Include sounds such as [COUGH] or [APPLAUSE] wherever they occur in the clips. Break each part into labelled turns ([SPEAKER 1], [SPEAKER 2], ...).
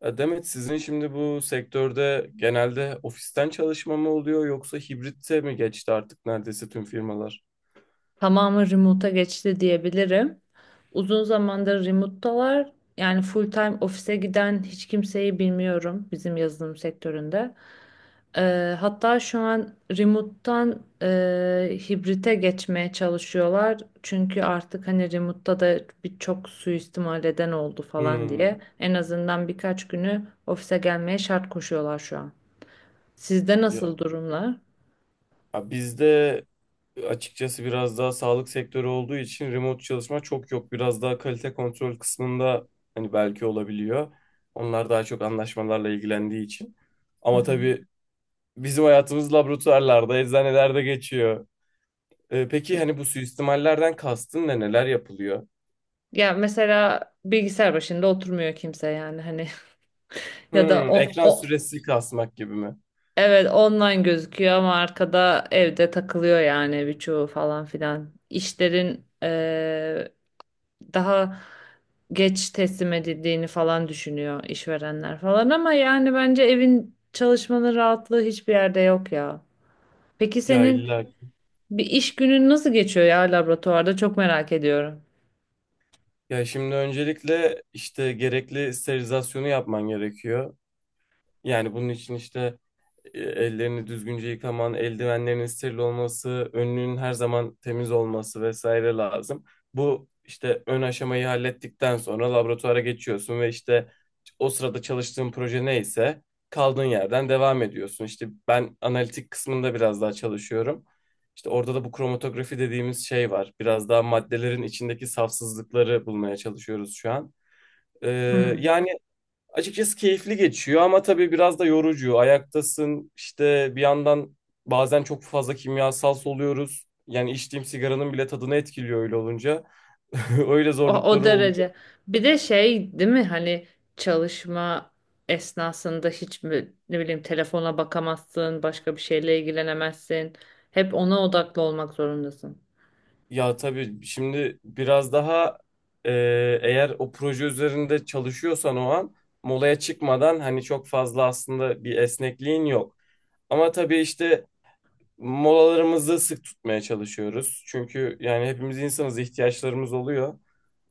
[SPEAKER 1] Demet, sizin şimdi bu sektörde genelde ofisten çalışma mı oluyor yoksa hibrite mi geçti artık neredeyse tüm firmalar?
[SPEAKER 2] Tamamı remote'a geçti diyebilirim. Uzun zamandır remote'dalar. Yani full time ofise giden hiç kimseyi bilmiyorum bizim yazılım sektöründe. Hatta şu an remote'tan hibrite geçmeye çalışıyorlar. Çünkü artık hani remote'da da birçok suistimal eden oldu falan
[SPEAKER 1] Hmm.
[SPEAKER 2] diye. En azından birkaç günü ofise gelmeye şart koşuyorlar şu an. Sizde
[SPEAKER 1] ya,
[SPEAKER 2] nasıl durumlar?
[SPEAKER 1] ya bizde açıkçası biraz daha sağlık sektörü olduğu için remote çalışma çok yok. Biraz daha kalite kontrol kısmında hani belki olabiliyor. Onlar daha çok anlaşmalarla ilgilendiği için.
[SPEAKER 2] Hı
[SPEAKER 1] Ama
[SPEAKER 2] hı.
[SPEAKER 1] tabii bizim hayatımız laboratuvarlarda, eczanelerde geçiyor. Peki hani bu suistimallerden kastın ne? Neler yapılıyor?
[SPEAKER 2] Ya mesela bilgisayar başında oturmuyor kimse yani hani. Ya da
[SPEAKER 1] Hmm,
[SPEAKER 2] o,
[SPEAKER 1] ekran
[SPEAKER 2] o
[SPEAKER 1] süresi kasmak gibi mi?
[SPEAKER 2] evet online gözüküyor ama arkada evde takılıyor yani birçoğu falan filan. İşlerin daha geç teslim edildiğini falan düşünüyor işverenler falan ama yani bence evin çalışmanın rahatlığı hiçbir yerde yok ya. Peki
[SPEAKER 1] Ya
[SPEAKER 2] senin
[SPEAKER 1] illa.
[SPEAKER 2] bir iş günün nasıl geçiyor ya laboratuvarda? Çok merak ediyorum.
[SPEAKER 1] Ya şimdi öncelikle işte gerekli sterilizasyonu yapman gerekiyor. Yani bunun için işte ellerini düzgünce yıkaman, eldivenlerin steril olması, önlüğün her zaman temiz olması vesaire lazım. Bu işte ön aşamayı hallettikten sonra laboratuvara geçiyorsun ve işte o sırada çalıştığın proje neyse kaldığın yerden devam ediyorsun. İşte ben analitik kısmında biraz daha çalışıyorum. İşte orada da bu kromatografi dediğimiz şey var. Biraz daha maddelerin içindeki safsızlıkları bulmaya çalışıyoruz şu an. Ee,
[SPEAKER 2] Hmm.
[SPEAKER 1] yani Açıkçası keyifli geçiyor ama tabii biraz da yorucu. Ayaktasın işte bir yandan bazen çok fazla kimyasal soluyoruz. Yani içtiğim sigaranın bile tadını etkiliyor öyle olunca. [LAUGHS] Öyle
[SPEAKER 2] O
[SPEAKER 1] zorlukları oluyor.
[SPEAKER 2] derece. Bir de şey değil mi hani çalışma esnasında hiç mi, ne bileyim telefona bakamazsın, başka bir şeyle ilgilenemezsin. Hep ona odaklı olmak zorundasın.
[SPEAKER 1] Ya tabii şimdi biraz daha e, eğer o proje üzerinde çalışıyorsan o an molaya çıkmadan hani çok fazla aslında bir esnekliğin yok. Ama tabii işte molalarımızı sık tutmaya çalışıyoruz. Çünkü yani hepimiz insanız, ihtiyaçlarımız oluyor.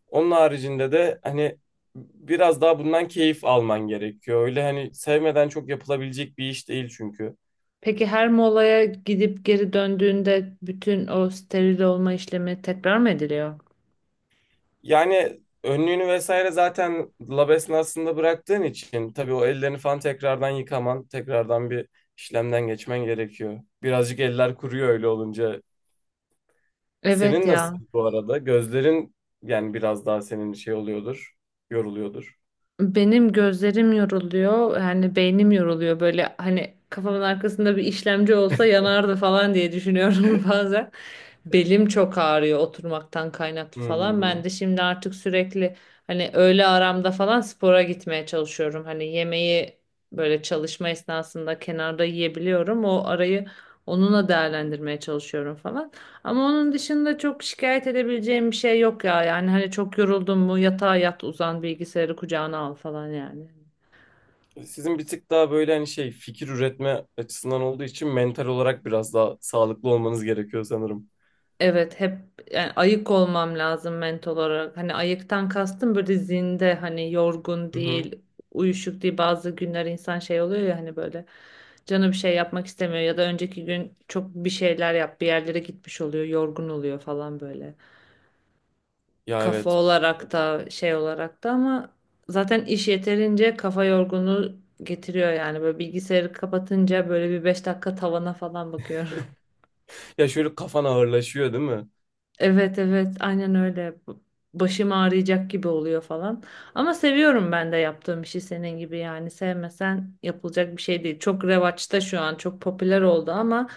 [SPEAKER 1] Onun haricinde de hani biraz daha bundan keyif alman gerekiyor. Öyle hani sevmeden çok yapılabilecek bir iş değil çünkü.
[SPEAKER 2] Peki her molaya gidip geri döndüğünde bütün o steril olma işlemi tekrar mı ediliyor?
[SPEAKER 1] Yani önlüğünü vesaire zaten lab esnasında bıraktığın için tabii o ellerini falan tekrardan yıkaman, tekrardan bir işlemden geçmen gerekiyor. Birazcık eller kuruyor öyle olunca.
[SPEAKER 2] Evet
[SPEAKER 1] Senin nasıl
[SPEAKER 2] ya.
[SPEAKER 1] bu arada? Gözlerin yani biraz daha senin şey oluyordur, yoruluyordur.
[SPEAKER 2] Benim gözlerim yoruluyor. Yani beynim yoruluyor. Böyle hani kafamın arkasında bir işlemci olsa yanardı falan diye düşünüyorum [LAUGHS] bazen. Belim çok ağrıyor oturmaktan kaynaklı
[SPEAKER 1] Hı
[SPEAKER 2] falan. Ben
[SPEAKER 1] hı.
[SPEAKER 2] de şimdi artık sürekli hani öğle aramda falan spora gitmeye çalışıyorum. Hani yemeği böyle çalışma esnasında kenarda yiyebiliyorum. O arayı onunla değerlendirmeye çalışıyorum falan. Ama onun dışında çok şikayet edebileceğim bir şey yok ya. Yani hani çok yoruldun mu yatağa yat uzan bilgisayarı kucağına al falan yani.
[SPEAKER 1] Sizin bir tık daha böyle hani şey fikir üretme açısından olduğu için mental olarak biraz daha sağlıklı olmanız gerekiyor sanırım.
[SPEAKER 2] Evet hep yani ayık olmam lazım mental olarak. Hani ayıktan kastım böyle zinde hani yorgun
[SPEAKER 1] Hı hı.
[SPEAKER 2] değil, uyuşuk değil. Bazı günler insan şey oluyor ya hani böyle canı bir şey yapmak istemiyor ya da önceki gün çok bir şeyler yap bir yerlere gitmiş oluyor, yorgun oluyor falan böyle.
[SPEAKER 1] Ya
[SPEAKER 2] Kafa
[SPEAKER 1] evet.
[SPEAKER 2] olarak da şey olarak da ama zaten iş yeterince kafa yorgunluğu getiriyor yani böyle bilgisayarı kapatınca böyle bir 5 dakika tavana falan bakıyorum. [LAUGHS]
[SPEAKER 1] Ya şöyle kafan ağırlaşıyor değil mi?
[SPEAKER 2] Evet evet aynen öyle. Başım ağrıyacak gibi oluyor falan. Ama seviyorum ben de yaptığım işi senin gibi yani sevmesen yapılacak bir şey değil. Çok revaçta şu an çok popüler oldu ama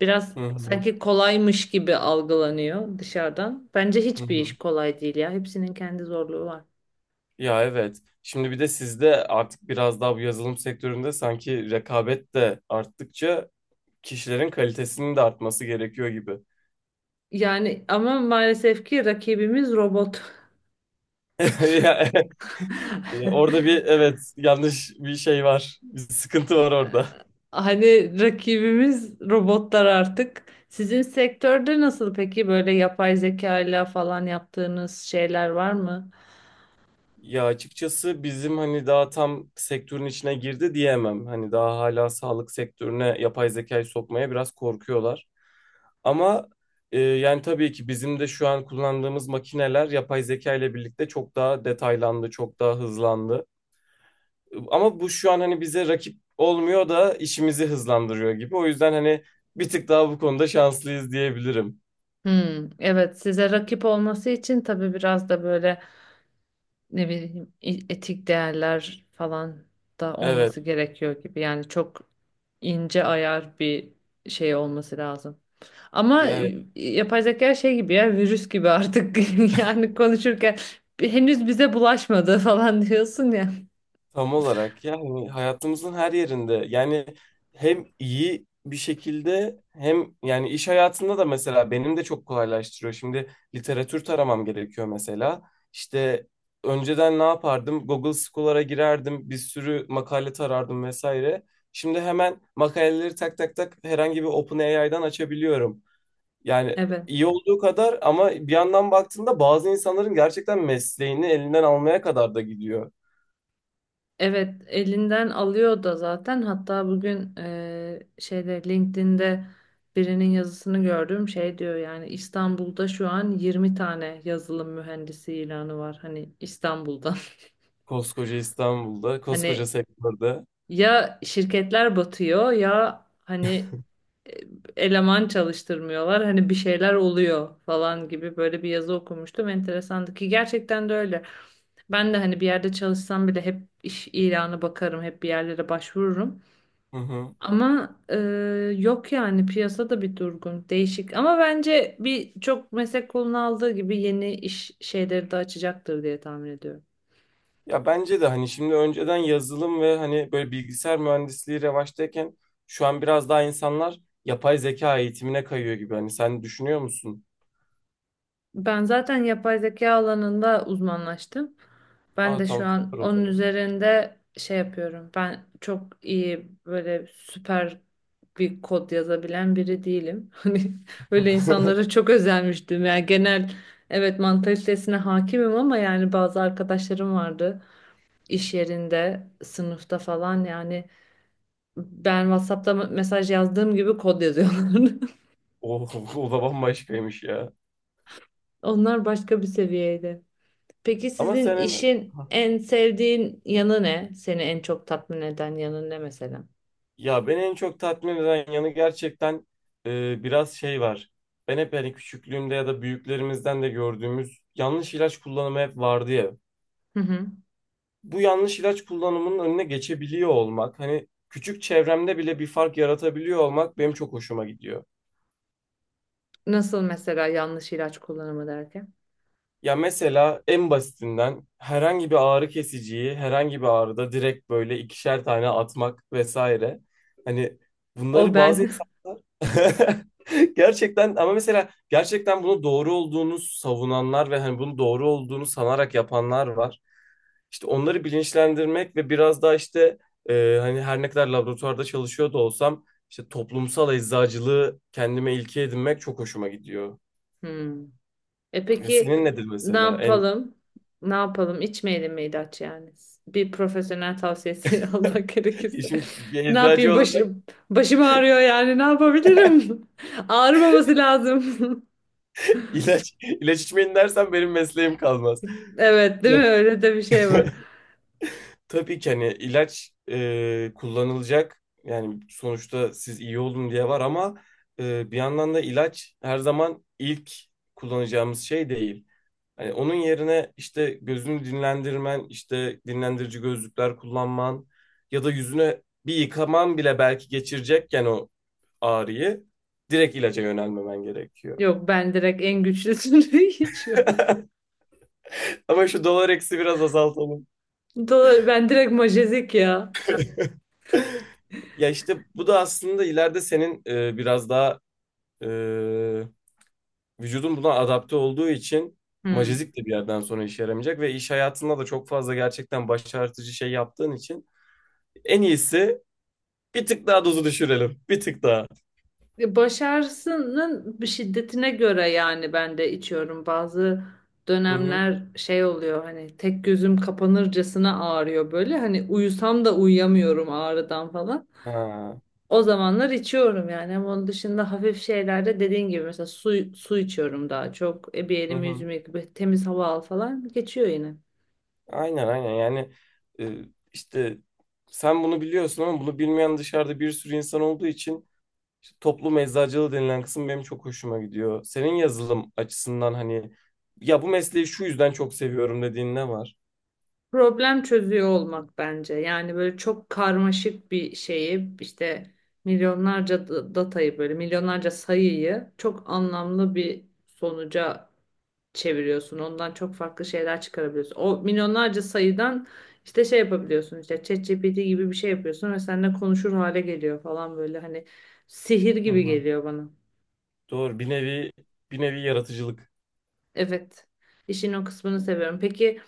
[SPEAKER 2] biraz
[SPEAKER 1] Hı hı.
[SPEAKER 2] sanki kolaymış gibi algılanıyor dışarıdan. Bence
[SPEAKER 1] Hı
[SPEAKER 2] hiçbir iş
[SPEAKER 1] hı.
[SPEAKER 2] kolay değil ya. Hepsinin kendi zorluğu var.
[SPEAKER 1] Ya evet. Şimdi bir de sizde artık biraz daha bu yazılım sektöründe sanki rekabet de arttıkça kişilerin kalitesinin de artması gerekiyor gibi.
[SPEAKER 2] Yani ama maalesef ki rakibimiz robot.
[SPEAKER 1] [LAUGHS] Ya orada
[SPEAKER 2] [LAUGHS]
[SPEAKER 1] bir evet yanlış bir şey var. Bir sıkıntı var orada.
[SPEAKER 2] Hani rakibimiz robotlar artık. Sizin sektörde nasıl peki böyle yapay zeka ile falan yaptığınız şeyler var mı?
[SPEAKER 1] Ya açıkçası bizim hani daha tam sektörün içine girdi diyemem. Hani daha hala sağlık sektörüne yapay zekayı sokmaya biraz korkuyorlar. Ama yani tabii ki bizim de şu an kullandığımız makineler yapay zeka ile birlikte çok daha detaylandı, çok daha hızlandı. Ama bu şu an hani bize rakip olmuyor da işimizi hızlandırıyor gibi. O yüzden hani bir tık daha bu konuda şanslıyız diyebilirim.
[SPEAKER 2] Hmm, evet size rakip olması için tabii biraz da böyle ne bileyim etik değerler falan da
[SPEAKER 1] Evet,
[SPEAKER 2] olması gerekiyor gibi. Yani çok ince ayar bir şey olması lazım. Ama
[SPEAKER 1] evet.
[SPEAKER 2] yapay zeka şey gibi ya virüs gibi artık [LAUGHS] yani konuşurken henüz bize bulaşmadı [LAUGHS] falan diyorsun ya.
[SPEAKER 1] Tam olarak yani hayatımızın her yerinde, yani hem iyi bir şekilde hem yani iş hayatında da mesela benim de çok kolaylaştırıyor. Şimdi literatür taramam gerekiyor mesela. İşte önceden ne yapardım? Google Scholar'a girerdim, bir sürü makale tarardım vesaire. Şimdi hemen makaleleri tak tak tak herhangi bir OpenAI'dan açabiliyorum. Yani
[SPEAKER 2] Evet,
[SPEAKER 1] iyi olduğu kadar ama bir yandan baktığında bazı insanların gerçekten mesleğini elinden almaya kadar da gidiyor.
[SPEAKER 2] evet elinden alıyor da zaten. Hatta bugün şeyde LinkedIn'de birinin yazısını gördüm. Şey diyor yani İstanbul'da şu an 20 tane yazılım mühendisi ilanı var. Hani İstanbul'da.
[SPEAKER 1] Koskoca İstanbul'da,
[SPEAKER 2] [LAUGHS]
[SPEAKER 1] koskoca
[SPEAKER 2] Hani
[SPEAKER 1] sektörde.
[SPEAKER 2] ya şirketler batıyor ya hani e, eleman çalıştırmıyorlar hani bir şeyler oluyor falan gibi böyle bir yazı okumuştum enteresandı ki gerçekten de öyle. Ben de hani bir yerde çalışsam bile hep iş ilanı bakarım hep bir yerlere başvururum.
[SPEAKER 1] Hı hı.
[SPEAKER 2] Ama yok yani piyasada bir durgun değişik ama bence bir çok meslek kolunu aldığı gibi yeni iş şeyleri de açacaktır diye tahmin ediyorum.
[SPEAKER 1] Ya bence de hani şimdi önceden yazılım ve hani böyle bilgisayar mühendisliği revaçtayken şu an biraz daha insanlar yapay zeka eğitimine kayıyor gibi. Hani sen düşünüyor musun?
[SPEAKER 2] Ben zaten yapay zeka alanında uzmanlaştım. Ben
[SPEAKER 1] Aa
[SPEAKER 2] de şu
[SPEAKER 1] tamam,
[SPEAKER 2] an
[SPEAKER 1] süper o
[SPEAKER 2] onun
[SPEAKER 1] zaman.
[SPEAKER 2] üzerinde şey yapıyorum. Ben çok iyi böyle süper bir kod yazabilen biri değilim. [LAUGHS] Hani öyle insanlara
[SPEAKER 1] [LAUGHS]
[SPEAKER 2] çok özenmiştim. Yani genel evet mantalitesine hakimim ama yani bazı arkadaşlarım vardı iş yerinde, sınıfta falan yani ben WhatsApp'ta mesaj yazdığım gibi kod yazıyorlardı.
[SPEAKER 1] O, o da bambaşkaymış ya.
[SPEAKER 2] [LAUGHS] Onlar başka bir seviyeydi. Peki
[SPEAKER 1] Ama
[SPEAKER 2] sizin
[SPEAKER 1] senin
[SPEAKER 2] işin en sevdiğin yanı ne? Seni en çok tatmin eden yanı ne mesela?
[SPEAKER 1] ya beni en çok tatmin eden yanı gerçekten biraz şey var. Ben hep hani küçüklüğümde ya da büyüklerimizden de gördüğümüz yanlış ilaç kullanımı hep vardı ya.
[SPEAKER 2] Hı hı.
[SPEAKER 1] Bu yanlış ilaç kullanımının önüne geçebiliyor olmak, hani küçük çevremde bile bir fark yaratabiliyor olmak benim çok hoşuma gidiyor.
[SPEAKER 2] Nasıl mesela yanlış ilaç kullanımı derken?
[SPEAKER 1] Ya mesela en basitinden herhangi bir ağrı kesiciyi herhangi bir ağrıda direkt böyle ikişer tane atmak vesaire. Hani
[SPEAKER 2] O
[SPEAKER 1] bunları bazı
[SPEAKER 2] ben. [LAUGHS]
[SPEAKER 1] insanlar [LAUGHS] gerçekten ama mesela gerçekten bunu doğru olduğunu savunanlar ve hani bunu doğru olduğunu sanarak yapanlar var. İşte onları bilinçlendirmek ve biraz daha işte hani her ne kadar laboratuvarda çalışıyor da olsam işte toplumsal eczacılığı kendime ilke edinmek çok hoşuma gidiyor.
[SPEAKER 2] Hmm. E peki
[SPEAKER 1] Senin nedir
[SPEAKER 2] ne
[SPEAKER 1] mesela? En
[SPEAKER 2] yapalım? Ne yapalım? İçmeyelim mi ilaç yani? Bir profesyonel tavsiyesi [LAUGHS] almak
[SPEAKER 1] [LAUGHS]
[SPEAKER 2] gerekirse.
[SPEAKER 1] işim bir
[SPEAKER 2] Ne
[SPEAKER 1] eczacı
[SPEAKER 2] yapayım?
[SPEAKER 1] olarak
[SPEAKER 2] Başım ağrıyor yani. Ne yapabilirim? [LAUGHS] Ağrımaması lazım.
[SPEAKER 1] ilaç [LAUGHS] ilaç içmeyin dersen benim mesleğim kalmaz.
[SPEAKER 2] [LAUGHS] Evet, değil
[SPEAKER 1] Ya,
[SPEAKER 2] mi? Öyle de bir şey var.
[SPEAKER 1] [LAUGHS] tabii ki hani ilaç kullanılacak. Yani sonuçta siz iyi olun diye var ama bir yandan da ilaç her zaman ilk kullanacağımız şey değil. Hani onun yerine işte gözünü dinlendirmen, işte dinlendirici gözlükler kullanman ya da yüzüne bir yıkaman bile belki geçirecekken o ağrıyı direkt ilaca yönelmemen gerekiyor.
[SPEAKER 2] Yok ben direkt en güçlüsünü [LAUGHS] içiyorum.
[SPEAKER 1] Ama şu dolar eksi biraz azaltalım.
[SPEAKER 2] Doğru, ben direkt majezik ya.
[SPEAKER 1] [LAUGHS] Ya işte bu da aslında ileride senin biraz daha e, vücudun buna adapte olduğu için
[SPEAKER 2] Hmm.
[SPEAKER 1] majezik de bir yerden sonra işe yaramayacak ve iş hayatında da çok fazla gerçekten başartıcı şey yaptığın için en iyisi bir tık daha dozu düşürelim. Bir tık daha.
[SPEAKER 2] Başarısının şiddetine göre yani ben de içiyorum. Bazı
[SPEAKER 1] Hı hı.
[SPEAKER 2] dönemler şey oluyor hani tek gözüm kapanırcasına ağrıyor böyle. Hani uyusam da uyuyamıyorum ağrıdan falan.
[SPEAKER 1] Ha.
[SPEAKER 2] O zamanlar içiyorum yani. Ama onun dışında hafif şeylerde dediğin gibi mesela su içiyorum daha çok. E, bir
[SPEAKER 1] Hı
[SPEAKER 2] elimi
[SPEAKER 1] hı.
[SPEAKER 2] yüzümü yıkayıp temiz hava al falan geçiyor yine.
[SPEAKER 1] Aynen yani e, işte sen bunu biliyorsun ama bunu bilmeyen dışarıda bir sürü insan olduğu için işte toplum eczacılığı denilen kısım benim çok hoşuma gidiyor. Senin yazılım açısından hani ya bu mesleği şu yüzden çok seviyorum dediğin ne var?
[SPEAKER 2] Problem çözüyor olmak bence. Yani böyle çok karmaşık bir şeyi işte milyonlarca datayı böyle milyonlarca sayıyı çok anlamlı bir sonuca çeviriyorsun. Ondan çok farklı şeyler çıkarabiliyorsun. O milyonlarca sayıdan işte şey yapabiliyorsun işte ChatGPT gibi bir şey yapıyorsun ve seninle konuşur hale geliyor falan böyle hani sihir
[SPEAKER 1] Hı
[SPEAKER 2] gibi
[SPEAKER 1] hı.
[SPEAKER 2] geliyor bana.
[SPEAKER 1] Doğru, bir nevi yaratıcılık.
[SPEAKER 2] Evet. İşin o kısmını seviyorum. Peki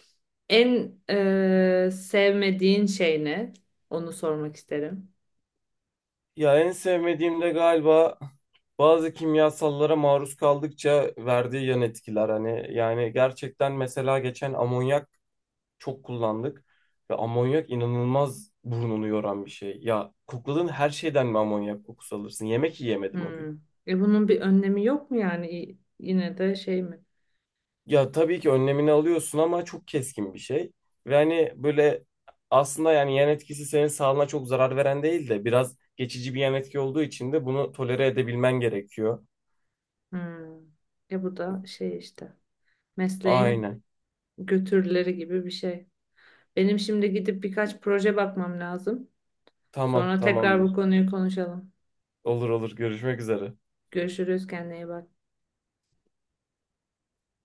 [SPEAKER 2] en sevmediğin şey ne? Onu sormak isterim.
[SPEAKER 1] Ya en sevmediğim de galiba bazı kimyasallara maruz kaldıkça verdiği yan etkiler. Hani yani gerçekten mesela geçen amonyak çok kullandık ve amonyak inanılmaz burnunu yoran bir şey. Ya kokladığın her şeyden mi amonyak kokusu alırsın? Yemek yiyemedim o gün.
[SPEAKER 2] Hmm. E bunun bir önlemi yok mu yani? Yine de şey mi?
[SPEAKER 1] Ya tabii ki önlemini alıyorsun ama çok keskin bir şey. Ve hani böyle aslında yani yan etkisi senin sağlığına çok zarar veren değil de biraz geçici bir yan etki olduğu için de bunu tolere edebilmen gerekiyor.
[SPEAKER 2] Hmm. E bu da şey işte. Mesleğin
[SPEAKER 1] Aynen.
[SPEAKER 2] götürüleri gibi bir şey. Benim şimdi gidip birkaç proje bakmam lazım.
[SPEAKER 1] Tamam,
[SPEAKER 2] Sonra tekrar bu
[SPEAKER 1] tamamdır.
[SPEAKER 2] konuyu konuşalım.
[SPEAKER 1] Olur olur. Görüşmek üzere.
[SPEAKER 2] Görüşürüz. Kendine iyi bak.